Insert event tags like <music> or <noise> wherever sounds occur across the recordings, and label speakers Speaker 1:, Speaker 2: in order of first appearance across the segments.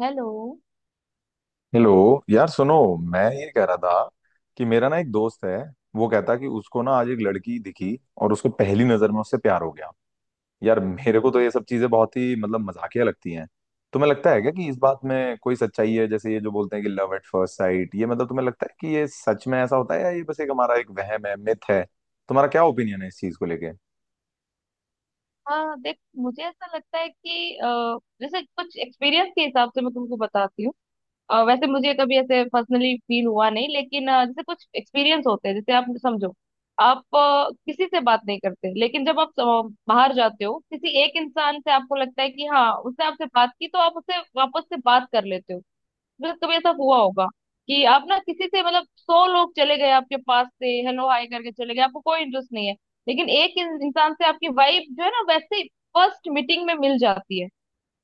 Speaker 1: Hello.
Speaker 2: Hello. यार सुनो, मैं ये कह रहा था कि मेरा ना एक दोस्त है। वो कहता कि उसको ना आज एक लड़की दिखी और उसको पहली नजर में उससे प्यार हो गया। यार मेरे को तो ये सब चीजें बहुत ही मतलब मजाकिया लगती हैं। तुम्हें लगता है क्या कि इस बात में कोई सच्चाई है? जैसे ये जो बोलते हैं कि लव एट फर्स्ट साइट, ये मतलब तुम्हें लगता है कि ये सच में ऐसा होता है या ये बस एक हमारा एक वहम है, मिथ है? तुम्हारा क्या ओपिनियन है इस चीज को लेके?
Speaker 1: हाँ, देख, मुझे ऐसा लगता है कि जैसे कुछ एक्सपीरियंस के हिसाब से मैं तुमको बताती हूँ। वैसे मुझे कभी ऐसे पर्सनली फील हुआ नहीं, लेकिन जैसे कुछ एक्सपीरियंस होते हैं, जैसे आप समझो। आप किसी से बात नहीं करते, लेकिन जब आप बाहर जाते हो किसी एक इंसान से, आपको लगता है कि हाँ, उसने आपसे बात की, तो आप उससे वापस से बात कर लेते हो। मतलब कभी ऐसा हुआ होगा कि आप ना, किसी से मतलब 100 लोग चले गए आपके पास से, हेलो हाय करके चले गए, आपको कोई इंटरेस्ट नहीं है। लेकिन एक इंसान से आपकी वाइब जो है ना, वैसे ही फर्स्ट मीटिंग में मिल जाती है।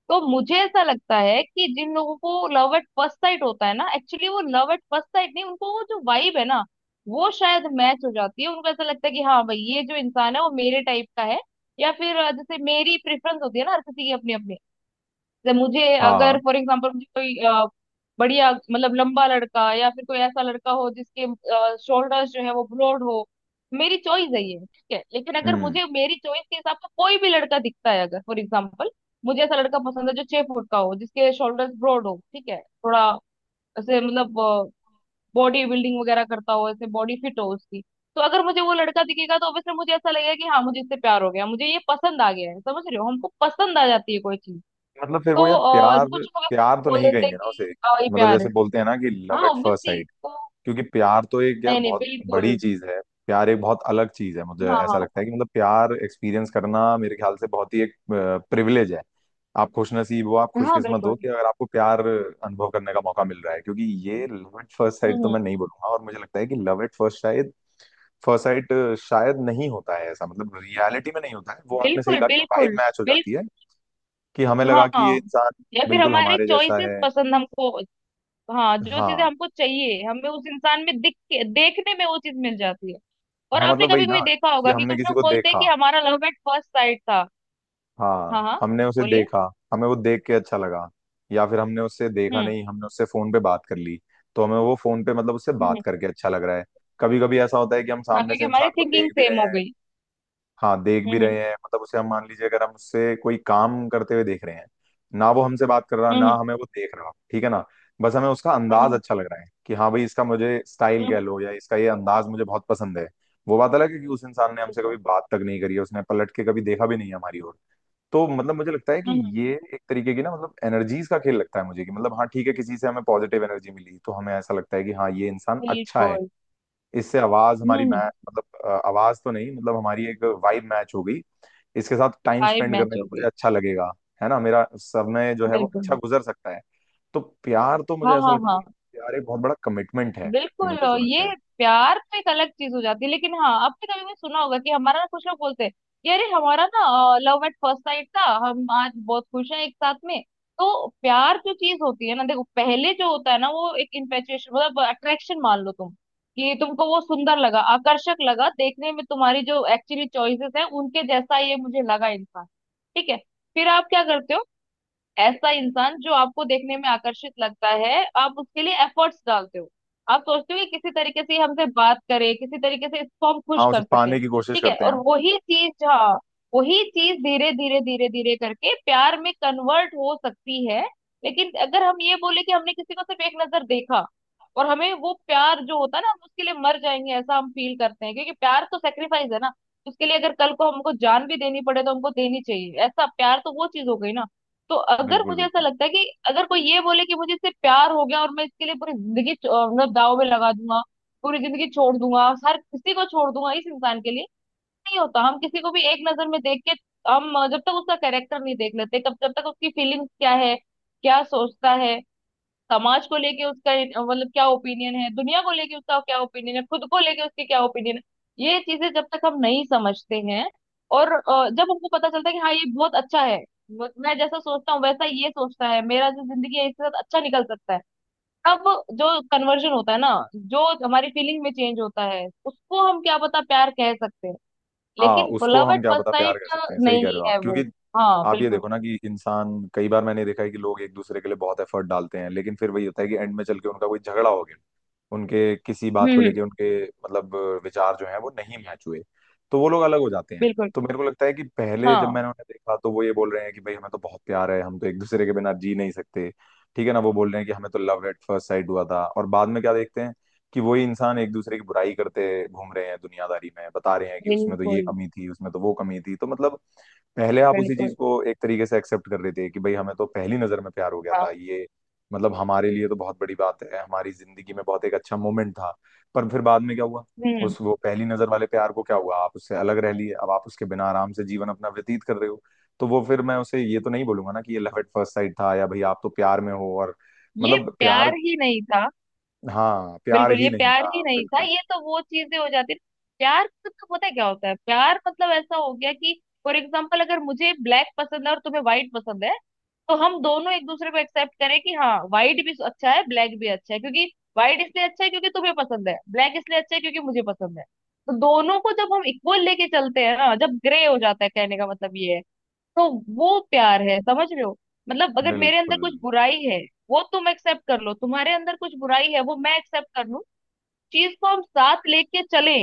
Speaker 1: तो मुझे ऐसा लगता है कि जिन लोगों को लव एट फर्स्ट साइट होता है ना, एक्चुअली वो लव एट फर्स्ट साइट नहीं, उनको वो जो वाइब है ना, वो शायद मैच हो जाती है। उनको ऐसा लगता है कि हाँ भाई, ये जो इंसान है वो मेरे टाइप का है। या फिर जैसे मेरी प्रेफरेंस होती है ना, हर किसी की अपनी अपनी, जैसे मुझे।
Speaker 2: हाँ हाँ।
Speaker 1: अगर फॉर एग्जाम्पल मुझे कोई बढ़िया मतलब लंबा लड़का, या फिर कोई ऐसा लड़का हो जिसके शोल्डर्स जो है वो ब्रॉड हो। मेरी चॉइस है ये, ठीक है। लेकिन अगर
Speaker 2: हम्म।
Speaker 1: मुझे मेरी चॉइस के हिसाब से कोई भी लड़का दिखता है, अगर फॉर एग्जाम्पल मुझे ऐसा लड़का पसंद है जो 6 फुट का हो, जिसके शोल्डर्स ब्रॉड हो, ठीक है, थोड़ा ऐसे मतलब बॉडी बिल्डिंग वगैरह करता हो, ऐसे बॉडी फिट हो उसकी। तो अगर मुझे वो लड़का दिखेगा, तो ऑब्वियसली मुझे ऐसा लगेगा कि हाँ, मुझे इससे प्यार हो गया, मुझे ये पसंद आ गया है। समझ रहे हो, हमको पसंद आ जाती है कोई चीज।
Speaker 2: मतलब फिर
Speaker 1: तो
Speaker 2: वो यार प्यार,
Speaker 1: कुछ लोग आपको
Speaker 2: प्यार तो
Speaker 1: बोल
Speaker 2: नहीं
Speaker 1: देते
Speaker 2: कहेंगे
Speaker 1: हैं
Speaker 2: ना
Speaker 1: कि
Speaker 2: उसे।
Speaker 1: ये
Speaker 2: मतलब
Speaker 1: प्यार है।
Speaker 2: जैसे बोलते हैं ना कि
Speaker 1: हाँ
Speaker 2: love at first
Speaker 1: obviously.
Speaker 2: Sight,
Speaker 1: तो
Speaker 2: क्योंकि प्यार तो एक यार
Speaker 1: नहीं नहीं,
Speaker 2: बहुत
Speaker 1: बिल्कुल।
Speaker 2: बड़ी चीज है। प्यार एक बहुत अलग चीज है। मुझे
Speaker 1: हाँ
Speaker 2: ऐसा
Speaker 1: हाँ
Speaker 2: लगता है कि मतलब प्यार एक्सपीरियंस करना मेरे ख्याल से बहुत ही एक प्रिविलेज है। आप खुशनसीब हो, आप
Speaker 1: हाँ।
Speaker 2: खुशकिस्मत हो
Speaker 1: बिल्कुल।
Speaker 2: कि अगर आपको प्यार अनुभव करने का मौका मिल रहा है, क्योंकि ये लव एट फर्स्ट साइट तो
Speaker 1: हम्म।
Speaker 2: मैं नहीं बोलूंगा। और मुझे लगता है कि लव एट फर्स्ट साइट शायद नहीं होता है ऐसा, मतलब रियलिटी में नहीं होता है। वो आपने सही
Speaker 1: बिल्कुल
Speaker 2: कहा, वाइब
Speaker 1: बिल्कुल
Speaker 2: मैच हो
Speaker 1: बिल्कुल।
Speaker 2: जाती है कि हमें लगा कि ये
Speaker 1: हाँ।
Speaker 2: इंसान
Speaker 1: या फिर
Speaker 2: बिल्कुल
Speaker 1: हमारे
Speaker 2: हमारे जैसा
Speaker 1: चॉइसेस
Speaker 2: है।
Speaker 1: पसंद हमको। हाँ, जो चीजें
Speaker 2: हाँ
Speaker 1: हमको चाहिए, हमें उस इंसान में दिख के, देखने में वो चीज मिल जाती है। और
Speaker 2: हाँ,
Speaker 1: आपने
Speaker 2: मतलब वही
Speaker 1: कभी
Speaker 2: ना
Speaker 1: कभी देखा
Speaker 2: कि
Speaker 1: होगा कि
Speaker 2: हमने
Speaker 1: कुछ
Speaker 2: किसी
Speaker 1: लोग
Speaker 2: को
Speaker 1: बोलते हैं कि
Speaker 2: देखा,
Speaker 1: हमारा लव एट फर्स्ट साइट था। हाँ
Speaker 2: हाँ
Speaker 1: हाँ,
Speaker 2: हमने उसे
Speaker 1: बोलिए।
Speaker 2: देखा, हमें वो देख के अच्छा लगा। या फिर हमने उससे देखा
Speaker 1: हम्म
Speaker 2: नहीं, हमने उससे फोन पे बात कर ली, तो हमें वो फोन पे मतलब उससे
Speaker 1: हम्म
Speaker 2: बात
Speaker 1: हम्म।
Speaker 2: करके अच्छा लग रहा है। कभी कभी ऐसा होता है कि हम
Speaker 1: हाँ,
Speaker 2: सामने से
Speaker 1: क्योंकि हमारी
Speaker 2: इंसान को
Speaker 1: थिंकिंग
Speaker 2: देख भी
Speaker 1: सेम
Speaker 2: रहे
Speaker 1: हो
Speaker 2: हैं।
Speaker 1: गई।
Speaker 2: हाँ देख भी
Speaker 1: हम्म
Speaker 2: रहे हैं, मतलब उसे हम मान लीजिए अगर हम उससे कोई काम करते हुए देख रहे हैं, ना वो हमसे बात कर रहा, ना
Speaker 1: हम्म
Speaker 2: हमें वो देख रहा, ठीक है ना, बस हमें उसका अंदाज
Speaker 1: हम्म।
Speaker 2: अच्छा लग रहा है कि हाँ भाई इसका मुझे स्टाइल
Speaker 1: हम्म
Speaker 2: कह लो या इसका ये अंदाज मुझे बहुत पसंद है। वो बात अलग है कि उस इंसान ने
Speaker 1: हम्म,
Speaker 2: हमसे कभी
Speaker 1: हम्म,
Speaker 2: बात तक नहीं करी है, उसने पलट के कभी देखा भी नहीं है हमारी ओर। तो मतलब मुझे लगता है कि
Speaker 1: हम्म।
Speaker 2: ये एक तरीके की ना मतलब एनर्जीज का खेल लगता है मुझे, कि मतलब हाँ ठीक है, किसी से हमें पॉजिटिव एनर्जी मिली तो हमें ऐसा लगता है कि हाँ ये इंसान अच्छा है,
Speaker 1: बिल्कुल।
Speaker 2: इससे आवाज हमारी
Speaker 1: हम्म।
Speaker 2: मैच, मतलब आवाज तो नहीं, मतलब हमारी एक वाइब मैच हो गई, इसके साथ टाइम
Speaker 1: फाइव
Speaker 2: स्पेंड करने
Speaker 1: मैच
Speaker 2: में
Speaker 1: हो
Speaker 2: मुझे
Speaker 1: गई।
Speaker 2: अच्छा लगेगा, है ना, मेरा समय जो है वो
Speaker 1: बिल्कुल।
Speaker 2: अच्छा गुजर सकता है। तो प्यार तो मुझे
Speaker 1: हाँ
Speaker 2: ऐसा
Speaker 1: हाँ
Speaker 2: लगता है
Speaker 1: हाँ।
Speaker 2: कि प्यार एक बहुत बड़ा कमिटमेंट है।
Speaker 1: बिल्कुल।
Speaker 2: मुझे जो
Speaker 1: और
Speaker 2: लगता है।
Speaker 1: ये प्यार तो एक अलग चीज हो जाती है, लेकिन हाँ, आपने कभी भी सुना होगा कि हमारा ना, कुछ लोग बोलते हैं कि अरे, हमारा ना लव एट फर्स्ट साइट था, हम आज बहुत खुश हैं एक साथ में। तो प्यार जो चीज होती है ना, देखो, पहले जो होता है ना, वो एक इन्फेचुएशन मतलब अट्रैक्शन मान लो तुम, कि तुमको वो सुंदर लगा, आकर्षक लगा देखने में, तुम्हारी जो एक्चुअली चॉइसेस है उनके जैसा ये मुझे लगा इंसान, ठीक है। फिर आप क्या करते हो? ऐसा इंसान जो आपको देखने में आकर्षित लगता है, आप उसके लिए एफर्ट्स डालते हो। आप सोचते हो कि किसी तरीके से ये हमसे बात करे, किसी तरीके से इसको हम खुश
Speaker 2: हाँ उसे
Speaker 1: कर सके,
Speaker 2: पाने की कोशिश
Speaker 1: ठीक है,
Speaker 2: करते हैं
Speaker 1: और
Speaker 2: हम।
Speaker 1: वही चीज, हाँ, वही चीज धीरे धीरे धीरे धीरे करके प्यार में कन्वर्ट हो सकती है। लेकिन अगर हम ये बोले कि हमने किसी को सिर्फ एक नजर देखा, और हमें वो प्यार जो होता है ना, हम उसके लिए मर जाएंगे, ऐसा हम फील करते हैं, क्योंकि प्यार तो सेक्रीफाइस है ना। उसके लिए अगर कल को हमको जान भी देनी पड़े तो हमको देनी चाहिए, ऐसा प्यार तो वो चीज हो गई ना। तो अगर
Speaker 2: बिल्कुल
Speaker 1: मुझे ऐसा
Speaker 2: बिल्कुल।
Speaker 1: लगता है कि अगर कोई ये बोले कि मुझे इससे प्यार हो गया और मैं इसके लिए पूरी जिंदगी मतलब दाव में लगा दूंगा, पूरी जिंदगी छोड़ दूंगा, हर किसी को छोड़ दूंगा इस इंसान के लिए। नहीं होता। हम किसी को भी एक नजर में देख के, हम जब तक उसका कैरेक्टर नहीं देख लेते, कब, जब तक उसकी फीलिंग्स क्या है, क्या सोचता है, समाज को लेके उसका मतलब क्या ओपिनियन है, दुनिया को लेके उसका क्या ओपिनियन है, खुद को लेके उसके क्या ओपिनियन है। ये चीजें जब तक हम नहीं समझते हैं, और जब हमको पता चलता है कि हाँ, ये बहुत अच्छा है, मैं जैसा सोचता हूँ वैसा ये सोचता है, मेरा जो जिंदगी है इसके साथ अच्छा निकल सकता है। तब जो कन्वर्जन होता है ना, जो हमारी फीलिंग में चेंज होता है, उसको हम क्या पता प्यार कह सकते हैं।
Speaker 2: हाँ
Speaker 1: लेकिन
Speaker 2: उसको
Speaker 1: लव
Speaker 2: हम
Speaker 1: एट
Speaker 2: क्या
Speaker 1: फर्स्ट
Speaker 2: पता प्यार
Speaker 1: साइट
Speaker 2: कर सकते हैं, सही कह रहे
Speaker 1: नहीं
Speaker 2: हो आप,
Speaker 1: है वो।
Speaker 2: क्योंकि
Speaker 1: हाँ
Speaker 2: आप ये
Speaker 1: बिल्कुल।
Speaker 2: देखो ना कि इंसान, कई बार मैंने देखा है कि लोग एक दूसरे के लिए बहुत एफर्ट डालते हैं, लेकिन फिर वही होता है कि एंड में चल के उनका कोई झगड़ा हो गया, उनके किसी
Speaker 1: हम्म
Speaker 2: बात को
Speaker 1: हम्म,
Speaker 2: लेके, उनके मतलब विचार जो है वो नहीं मैच हुए, तो वो लोग अलग हो जाते हैं।
Speaker 1: बिल्कुल।
Speaker 2: तो मेरे को लगता है कि पहले जब
Speaker 1: हाँ
Speaker 2: मैंने उन्हें देखा तो वो ये बोल रहे हैं कि भाई हमें तो बहुत प्यार है, हम तो एक दूसरे के बिना जी नहीं सकते, ठीक है ना, वो बोल रहे हैं कि हमें तो लव एट फर्स्ट साइट हुआ था। और बाद में क्या देखते हैं कि वही इंसान एक दूसरे की बुराई करते घूम रहे हैं दुनियादारी में, बता रहे हैं कि उसमें तो ये
Speaker 1: बिल्कुल
Speaker 2: कमी थी, उसमें तो वो कमी थी, तो मतलब पहले आप उसी चीज
Speaker 1: बिल्कुल।
Speaker 2: को एक तरीके से एक्सेप्ट कर रहे थे कि भाई हमें तो पहली नजर में प्यार हो गया
Speaker 1: हाँ।
Speaker 2: था, ये मतलब हमारे लिए तो बहुत बड़ी बात है, हमारी जिंदगी में बहुत एक अच्छा मोमेंट था। पर फिर बाद में क्या हुआ,
Speaker 1: हम्म।
Speaker 2: उस वो पहली नजर वाले प्यार को क्या हुआ? आप उससे अलग रह लिए, अब आप उसके बिना आराम से जीवन अपना व्यतीत कर रहे हो। तो वो फिर मैं उसे ये तो नहीं बोलूंगा ना कि ये लव एट फर्स्ट साइट था या भाई आप तो प्यार में हो। और
Speaker 1: ये
Speaker 2: मतलब प्यार,
Speaker 1: प्यार ही नहीं था।
Speaker 2: हाँ प्यार
Speaker 1: बिल्कुल,
Speaker 2: ही
Speaker 1: ये
Speaker 2: नहीं
Speaker 1: प्यार
Speaker 2: था,
Speaker 1: ही नहीं था।
Speaker 2: बिल्कुल
Speaker 1: ये तो वो चीजें हो जाती। प्यार मतलब पता है क्या होता है? प्यार मतलब ऐसा हो गया कि फॉर एग्जाम्पल, अगर मुझे ब्लैक पसंद है और तुम्हें व्हाइट पसंद है, तो हम दोनों एक दूसरे को एक्सेप्ट करें कि हाँ, व्हाइट भी अच्छा है, ब्लैक भी अच्छा है, क्योंकि व्हाइट इसलिए अच्छा है क्योंकि तुम्हें पसंद है, ब्लैक इसलिए अच्छा है क्योंकि मुझे पसंद है। तो दोनों को जब हम इक्वल लेके चलते हैं ना, जब ग्रे हो जाता है, कहने का मतलब ये है। तो वो प्यार है, समझ रहे हो। मतलब अगर मेरे अंदर
Speaker 2: बिल्कुल।
Speaker 1: कुछ बुराई है, वो तुम एक्सेप्ट कर लो, तुम्हारे अंदर कुछ बुराई है, वो मैं एक्सेप्ट कर लूं, चीज को हम साथ लेके चले।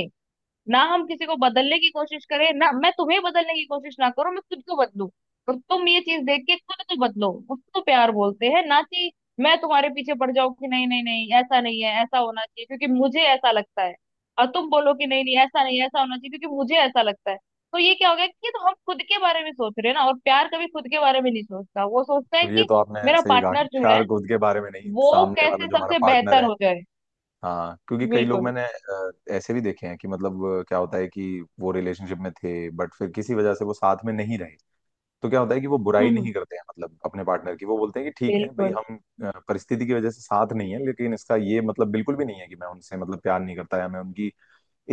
Speaker 1: ना हम किसी को बदलने की कोशिश करें, ना मैं तुम्हें बदलने की कोशिश ना करूं, मैं खुद को बदलूं, और तुम ये चीज देख के खुद को बदलो, उसको प्यार बोलते हैं। ना कि मैं तुम्हारे पीछे पड़ जाऊं कि नहीं नहीं नहीं, ऐसा नहीं है, ऐसा होना चाहिए क्योंकि मुझे ऐसा लगता है, और तुम बोलो कि नहीं नहीं, ऐसा नहीं है, ऐसा होना चाहिए क्योंकि मुझे ऐसा लगता है। तो ये क्या हो गया कि, तो हम खुद के बारे में सोच रहे हैं ना, और प्यार कभी खुद के बारे में नहीं सोचता, वो सोचता है
Speaker 2: ये
Speaker 1: कि
Speaker 2: तो आपने
Speaker 1: मेरा
Speaker 2: सही कहा कि
Speaker 1: पार्टनर जो है,
Speaker 2: प्यार खुद के बारे में नहीं,
Speaker 1: वो
Speaker 2: सामने वाला
Speaker 1: कैसे
Speaker 2: जो हमारा
Speaker 1: सबसे
Speaker 2: पार्टनर
Speaker 1: बेहतर
Speaker 2: है।
Speaker 1: हो जाए।
Speaker 2: हाँ क्योंकि कई लोग
Speaker 1: बिल्कुल।
Speaker 2: मैंने ऐसे भी देखे हैं कि मतलब क्या होता है कि वो रिलेशनशिप में थे, बट फिर किसी वजह से वो साथ में नहीं रहे, तो क्या होता है कि वो
Speaker 1: हम्म
Speaker 2: बुराई
Speaker 1: हम्म,
Speaker 2: नहीं करते हैं मतलब अपने पार्टनर की, वो बोलते हैं कि ठीक है भाई
Speaker 1: बिल्कुल
Speaker 2: हम परिस्थिति की वजह से साथ नहीं है, लेकिन इसका ये मतलब बिल्कुल भी नहीं है कि मैं उनसे मतलब प्यार नहीं करता या मैं उनकी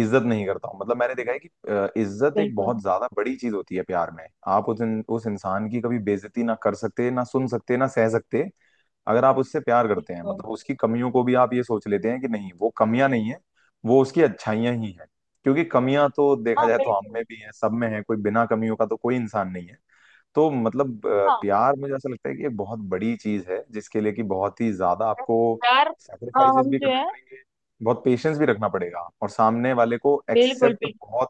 Speaker 2: इज्जत नहीं करता हूँ। मतलब मैंने देखा है कि इज्जत एक
Speaker 1: बिल्कुल
Speaker 2: बहुत ज्यादा बड़ी चीज होती है प्यार में। आप उस उस इंसान की कभी बेइज्जती ना कर सकते, ना सुन सकते, ना सह सकते अगर आप उससे प्यार करते हैं।
Speaker 1: बिल्कुल।
Speaker 2: मतलब उसकी कमियों को भी आप ये सोच लेते हैं कि नहीं वो कमियां नहीं है, वो उसकी अच्छाइयां ही है, क्योंकि कमियां तो देखा
Speaker 1: हाँ
Speaker 2: जाए तो हम में
Speaker 1: बिल्कुल।
Speaker 2: भी है, सब में है, कोई बिना कमियों का तो कोई इंसान नहीं है। तो मतलब
Speaker 1: हाँ
Speaker 2: प्यार मुझे ऐसा लगता है कि एक बहुत बड़ी चीज है जिसके लिए कि बहुत ही ज्यादा आपको
Speaker 1: यार। हाँ,
Speaker 2: सैक्रिफाइसेस
Speaker 1: हम
Speaker 2: भी
Speaker 1: जो
Speaker 2: करने
Speaker 1: है।
Speaker 2: पड़ेंगे, बहुत पेशेंस भी रखना पड़ेगा और सामने वाले को
Speaker 1: बिल्कुल
Speaker 2: एक्सेप्ट
Speaker 1: बिल्कुल।
Speaker 2: बहुत,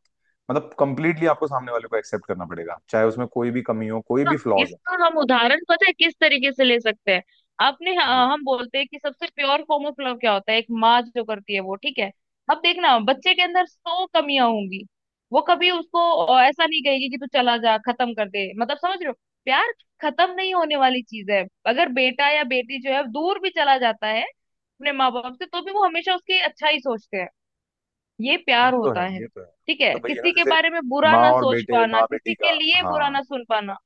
Speaker 2: मतलब कंप्लीटली आपको सामने वाले को एक्सेप्ट करना पड़ेगा चाहे उसमें कोई भी कमी हो, कोई भी
Speaker 1: ना,
Speaker 2: फ्लॉज हो।
Speaker 1: इसका हम उदाहरण पता है किस तरीके से ले सकते हैं? आपने,
Speaker 2: जी।
Speaker 1: हाँ, हम बोलते हैं कि सबसे प्योर फॉर्म ऑफ लव क्या होता है? एक माँ जो करती है वो, ठीक है। अब देखना, बच्चे के अंदर 100 कमियां होंगी, वो कभी उसको ऐसा नहीं कहेगी कि तू चला जा, खत्म कर दे, मतलब समझ रहे हो। प्यार खत्म नहीं होने वाली चीज है। अगर बेटा या बेटी जो है दूर भी चला जाता है अपने माँ बाप से, तो भी वो हमेशा उसकी अच्छा ही सोचते हैं। ये
Speaker 2: ये
Speaker 1: प्यार
Speaker 2: तो
Speaker 1: होता
Speaker 2: है,
Speaker 1: है।
Speaker 2: ये तो है,
Speaker 1: ठीक है।
Speaker 2: मतलब वही है ना,
Speaker 1: किसी के
Speaker 2: जैसे
Speaker 1: बारे में बुरा
Speaker 2: माँ
Speaker 1: ना
Speaker 2: और
Speaker 1: सोच
Speaker 2: बेटे,
Speaker 1: पाना,
Speaker 2: माँ बेटी
Speaker 1: किसी के
Speaker 2: का,
Speaker 1: लिए बुरा
Speaker 2: हाँ
Speaker 1: ना सुन पाना।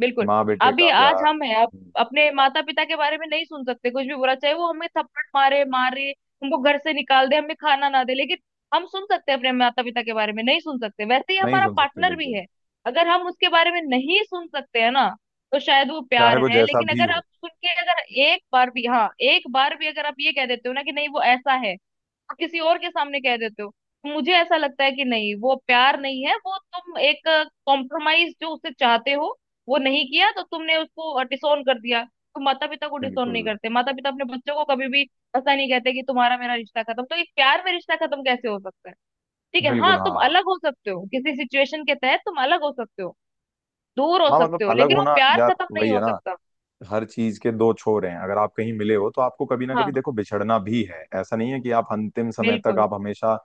Speaker 1: बिल्कुल।
Speaker 2: माँ बेटे का
Speaker 1: अभी
Speaker 2: प्यार।
Speaker 1: आज हम है, आप
Speaker 2: हम्म,
Speaker 1: अपने माता पिता के बारे में नहीं सुन सकते कुछ भी बुरा, चाहे वो हमें थप्पड़ मारे मारे, हमको घर से निकाल दे, हमें खाना ना दे, लेकिन हम सुन सकते हैं अपने माता पिता के बारे में, नहीं सुन सकते, वैसे ही
Speaker 2: नहीं
Speaker 1: हमारा
Speaker 2: सुन सकते
Speaker 1: पार्टनर भी
Speaker 2: बिल्कुल।
Speaker 1: है। अगर हम उसके बारे में नहीं सुन सकते हैं ना, तो शायद वो
Speaker 2: चाहे
Speaker 1: प्यार
Speaker 2: वो
Speaker 1: है।
Speaker 2: जैसा
Speaker 1: लेकिन
Speaker 2: भी
Speaker 1: अगर आप
Speaker 2: हो।
Speaker 1: सुन के, अगर एक बार भी, हाँ एक बार भी अगर आप ये कह देते हो ना कि नहीं, वो ऐसा है, और किसी और के सामने कह देते हो, तो मुझे ऐसा लगता है कि नहीं, वो प्यार नहीं है, वो तुम एक कॉम्प्रोमाइज जो उससे चाहते हो, वो नहीं किया तो तुमने उसको डिसोन कर दिया। तो माता पिता को डिसोन नहीं
Speaker 2: बिल्कुल
Speaker 1: करते, माता पिता अपने बच्चों को कभी भी ऐसा नहीं कहते कि तुम्हारा मेरा रिश्ता खत्म। तो एक प्यार में रिश्ता खत्म कैसे हो सकता है? ठीक है, हाँ,
Speaker 2: बिल्कुल।
Speaker 1: तुम
Speaker 2: हाँ
Speaker 1: अलग हो सकते हो, किसी सिचुएशन के तहत तुम अलग हो सकते हो, दूर हो
Speaker 2: हाँ, मतलब
Speaker 1: सकते हो,
Speaker 2: अलग
Speaker 1: लेकिन वो
Speaker 2: होना
Speaker 1: प्यार
Speaker 2: यार
Speaker 1: खत्म
Speaker 2: वही
Speaker 1: नहीं
Speaker 2: है
Speaker 1: हो
Speaker 2: ना,
Speaker 1: सकता।
Speaker 2: हर चीज के दो छोर हैं, अगर आप कहीं मिले हो तो आपको कभी ना
Speaker 1: हाँ
Speaker 2: कभी देखो बिछड़ना भी है, ऐसा नहीं है कि आप अंतिम समय तक
Speaker 1: बिल्कुल।
Speaker 2: आप हमेशा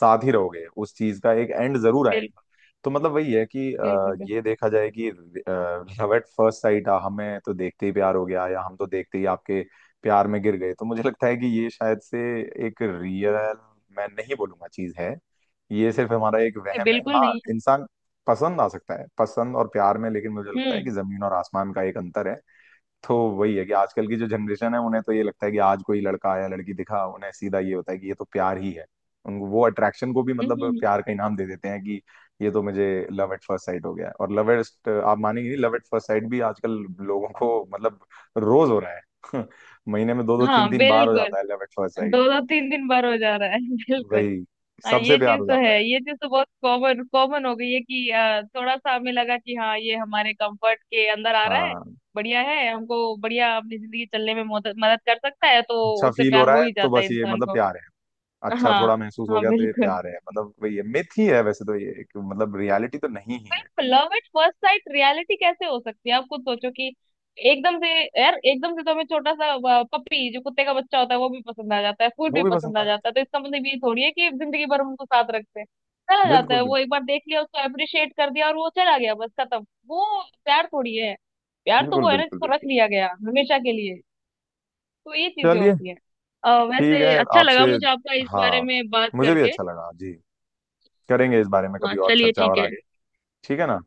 Speaker 2: साथ ही रहोगे, उस चीज का एक एंड जरूर आएगा।
Speaker 1: बिल्कुल
Speaker 2: तो मतलब वही है कि
Speaker 1: बिल्कुल। बिल्कुल
Speaker 2: ये देखा जाए कि लव एट फर्स्ट साइट, हमें तो देखते ही प्यार हो गया या हम तो देखते ही आपके प्यार में गिर गए, तो मुझे लगता है कि ये शायद से एक रियल, मैं नहीं बोलूंगा चीज है। ये सिर्फ हमारा एक वहम है।
Speaker 1: बिल्कुल
Speaker 2: हाँ
Speaker 1: नहीं है।
Speaker 2: इंसान पसंद आ सकता है, पसंद और प्यार में लेकिन मुझे लगता है
Speaker 1: हम्म
Speaker 2: कि जमीन और आसमान का एक अंतर है। तो वही है कि आजकल की जो जनरेशन है उन्हें तो ये लगता है कि आज कोई लड़का या लड़की दिखा, उन्हें सीधा ये होता है कि ये तो प्यार ही है। उनको वो अट्रैक्शन को भी
Speaker 1: हम्म
Speaker 2: मतलब
Speaker 1: हम्म, हम्म।
Speaker 2: प्यार का इनाम दे देते हैं कि ये तो मुझे लव एट फर्स्ट साइट हो गया है। और लव एट, आप मानेंगे नहीं, लव एट फर्स्ट साइट भी आजकल लोगों को मतलब रोज हो रहा है <laughs> महीने में दो दो
Speaker 1: हाँ
Speaker 2: तीन तीन बार हो
Speaker 1: बिल्कुल।
Speaker 2: जाता है लव एट फर्स्ट साइट।
Speaker 1: दो दो तीन दिन बार हो जा रहा है <laughs> बिल्कुल।
Speaker 2: वही
Speaker 1: हाँ,
Speaker 2: सबसे
Speaker 1: ये
Speaker 2: प्यार
Speaker 1: चीज
Speaker 2: हो
Speaker 1: तो
Speaker 2: जाता
Speaker 1: है।
Speaker 2: है।
Speaker 1: ये चीज तो बहुत कॉमन कॉमन हो गई है कि थोड़ा सा हमें लगा कि हाँ, ये हमारे कंफर्ट के अंदर आ रहा है,
Speaker 2: हाँ
Speaker 1: बढ़िया है, हमको बढ़िया अपनी जिंदगी चलने में मदद मदद कर सकता है, तो
Speaker 2: अच्छा
Speaker 1: उससे
Speaker 2: फील हो
Speaker 1: प्यार
Speaker 2: रहा
Speaker 1: हो
Speaker 2: है
Speaker 1: ही
Speaker 2: तो
Speaker 1: जाता है
Speaker 2: बस ये
Speaker 1: इंसान
Speaker 2: मतलब
Speaker 1: को।
Speaker 2: प्यार है। अच्छा
Speaker 1: हाँ
Speaker 2: थोड़ा महसूस हो
Speaker 1: हाँ
Speaker 2: गया तो ये
Speaker 1: बिल्कुल।
Speaker 2: प्यार है, मतलब वही है, मिथ ही है, वैसे तो ये मतलब रियलिटी तो नहीं ही है।
Speaker 1: Love at first sight reality कैसे हो सकती है? आप खुद सोचो कि एकदम से, यार एकदम से तो हमें छोटा सा पपी जो कुत्ते का बच्चा होता है वो भी पसंद आ जाता है, फूड
Speaker 2: वो
Speaker 1: भी
Speaker 2: भी पसंद
Speaker 1: पसंद आ
Speaker 2: आ जाता।
Speaker 1: जाता है, तो इसका मतलब ये थोड़ी है कि जिंदगी भर हम उनको साथ रखते हैं। चला जाता
Speaker 2: बिल्कुल
Speaker 1: है
Speaker 2: बिल्कुल
Speaker 1: वो, एक बार देख लिया उसको, अप्रिशिएट कर दिया और वो चला गया, बस खत्म। वो प्यार थोड़ी है। प्यार तो
Speaker 2: बिल्कुल।
Speaker 1: वो है ना
Speaker 2: बिल्कुल
Speaker 1: जिसको रख
Speaker 2: बिल्कुल।
Speaker 1: लिया गया हमेशा के लिए। तो ये चीजें
Speaker 2: चलिए
Speaker 1: होती हैं।
Speaker 2: ठीक
Speaker 1: वैसे
Speaker 2: है
Speaker 1: अच्छा
Speaker 2: आपसे।
Speaker 1: लगा मुझे आपका इस बारे
Speaker 2: हाँ
Speaker 1: में बात
Speaker 2: मुझे भी
Speaker 1: करके।
Speaker 2: अच्छा लगा जी। करेंगे इस बारे में
Speaker 1: हाँ
Speaker 2: कभी और
Speaker 1: चलिए,
Speaker 2: चर्चा
Speaker 1: ठीक
Speaker 2: और
Speaker 1: है।
Speaker 2: आगे। ठीक है ना,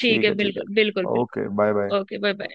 Speaker 1: ठीक है,
Speaker 2: है ठीक
Speaker 1: बिल्कुल बिल्कुल
Speaker 2: है। ओके बाय
Speaker 1: बिल्कुल।
Speaker 2: बाय।
Speaker 1: Okay bye bye.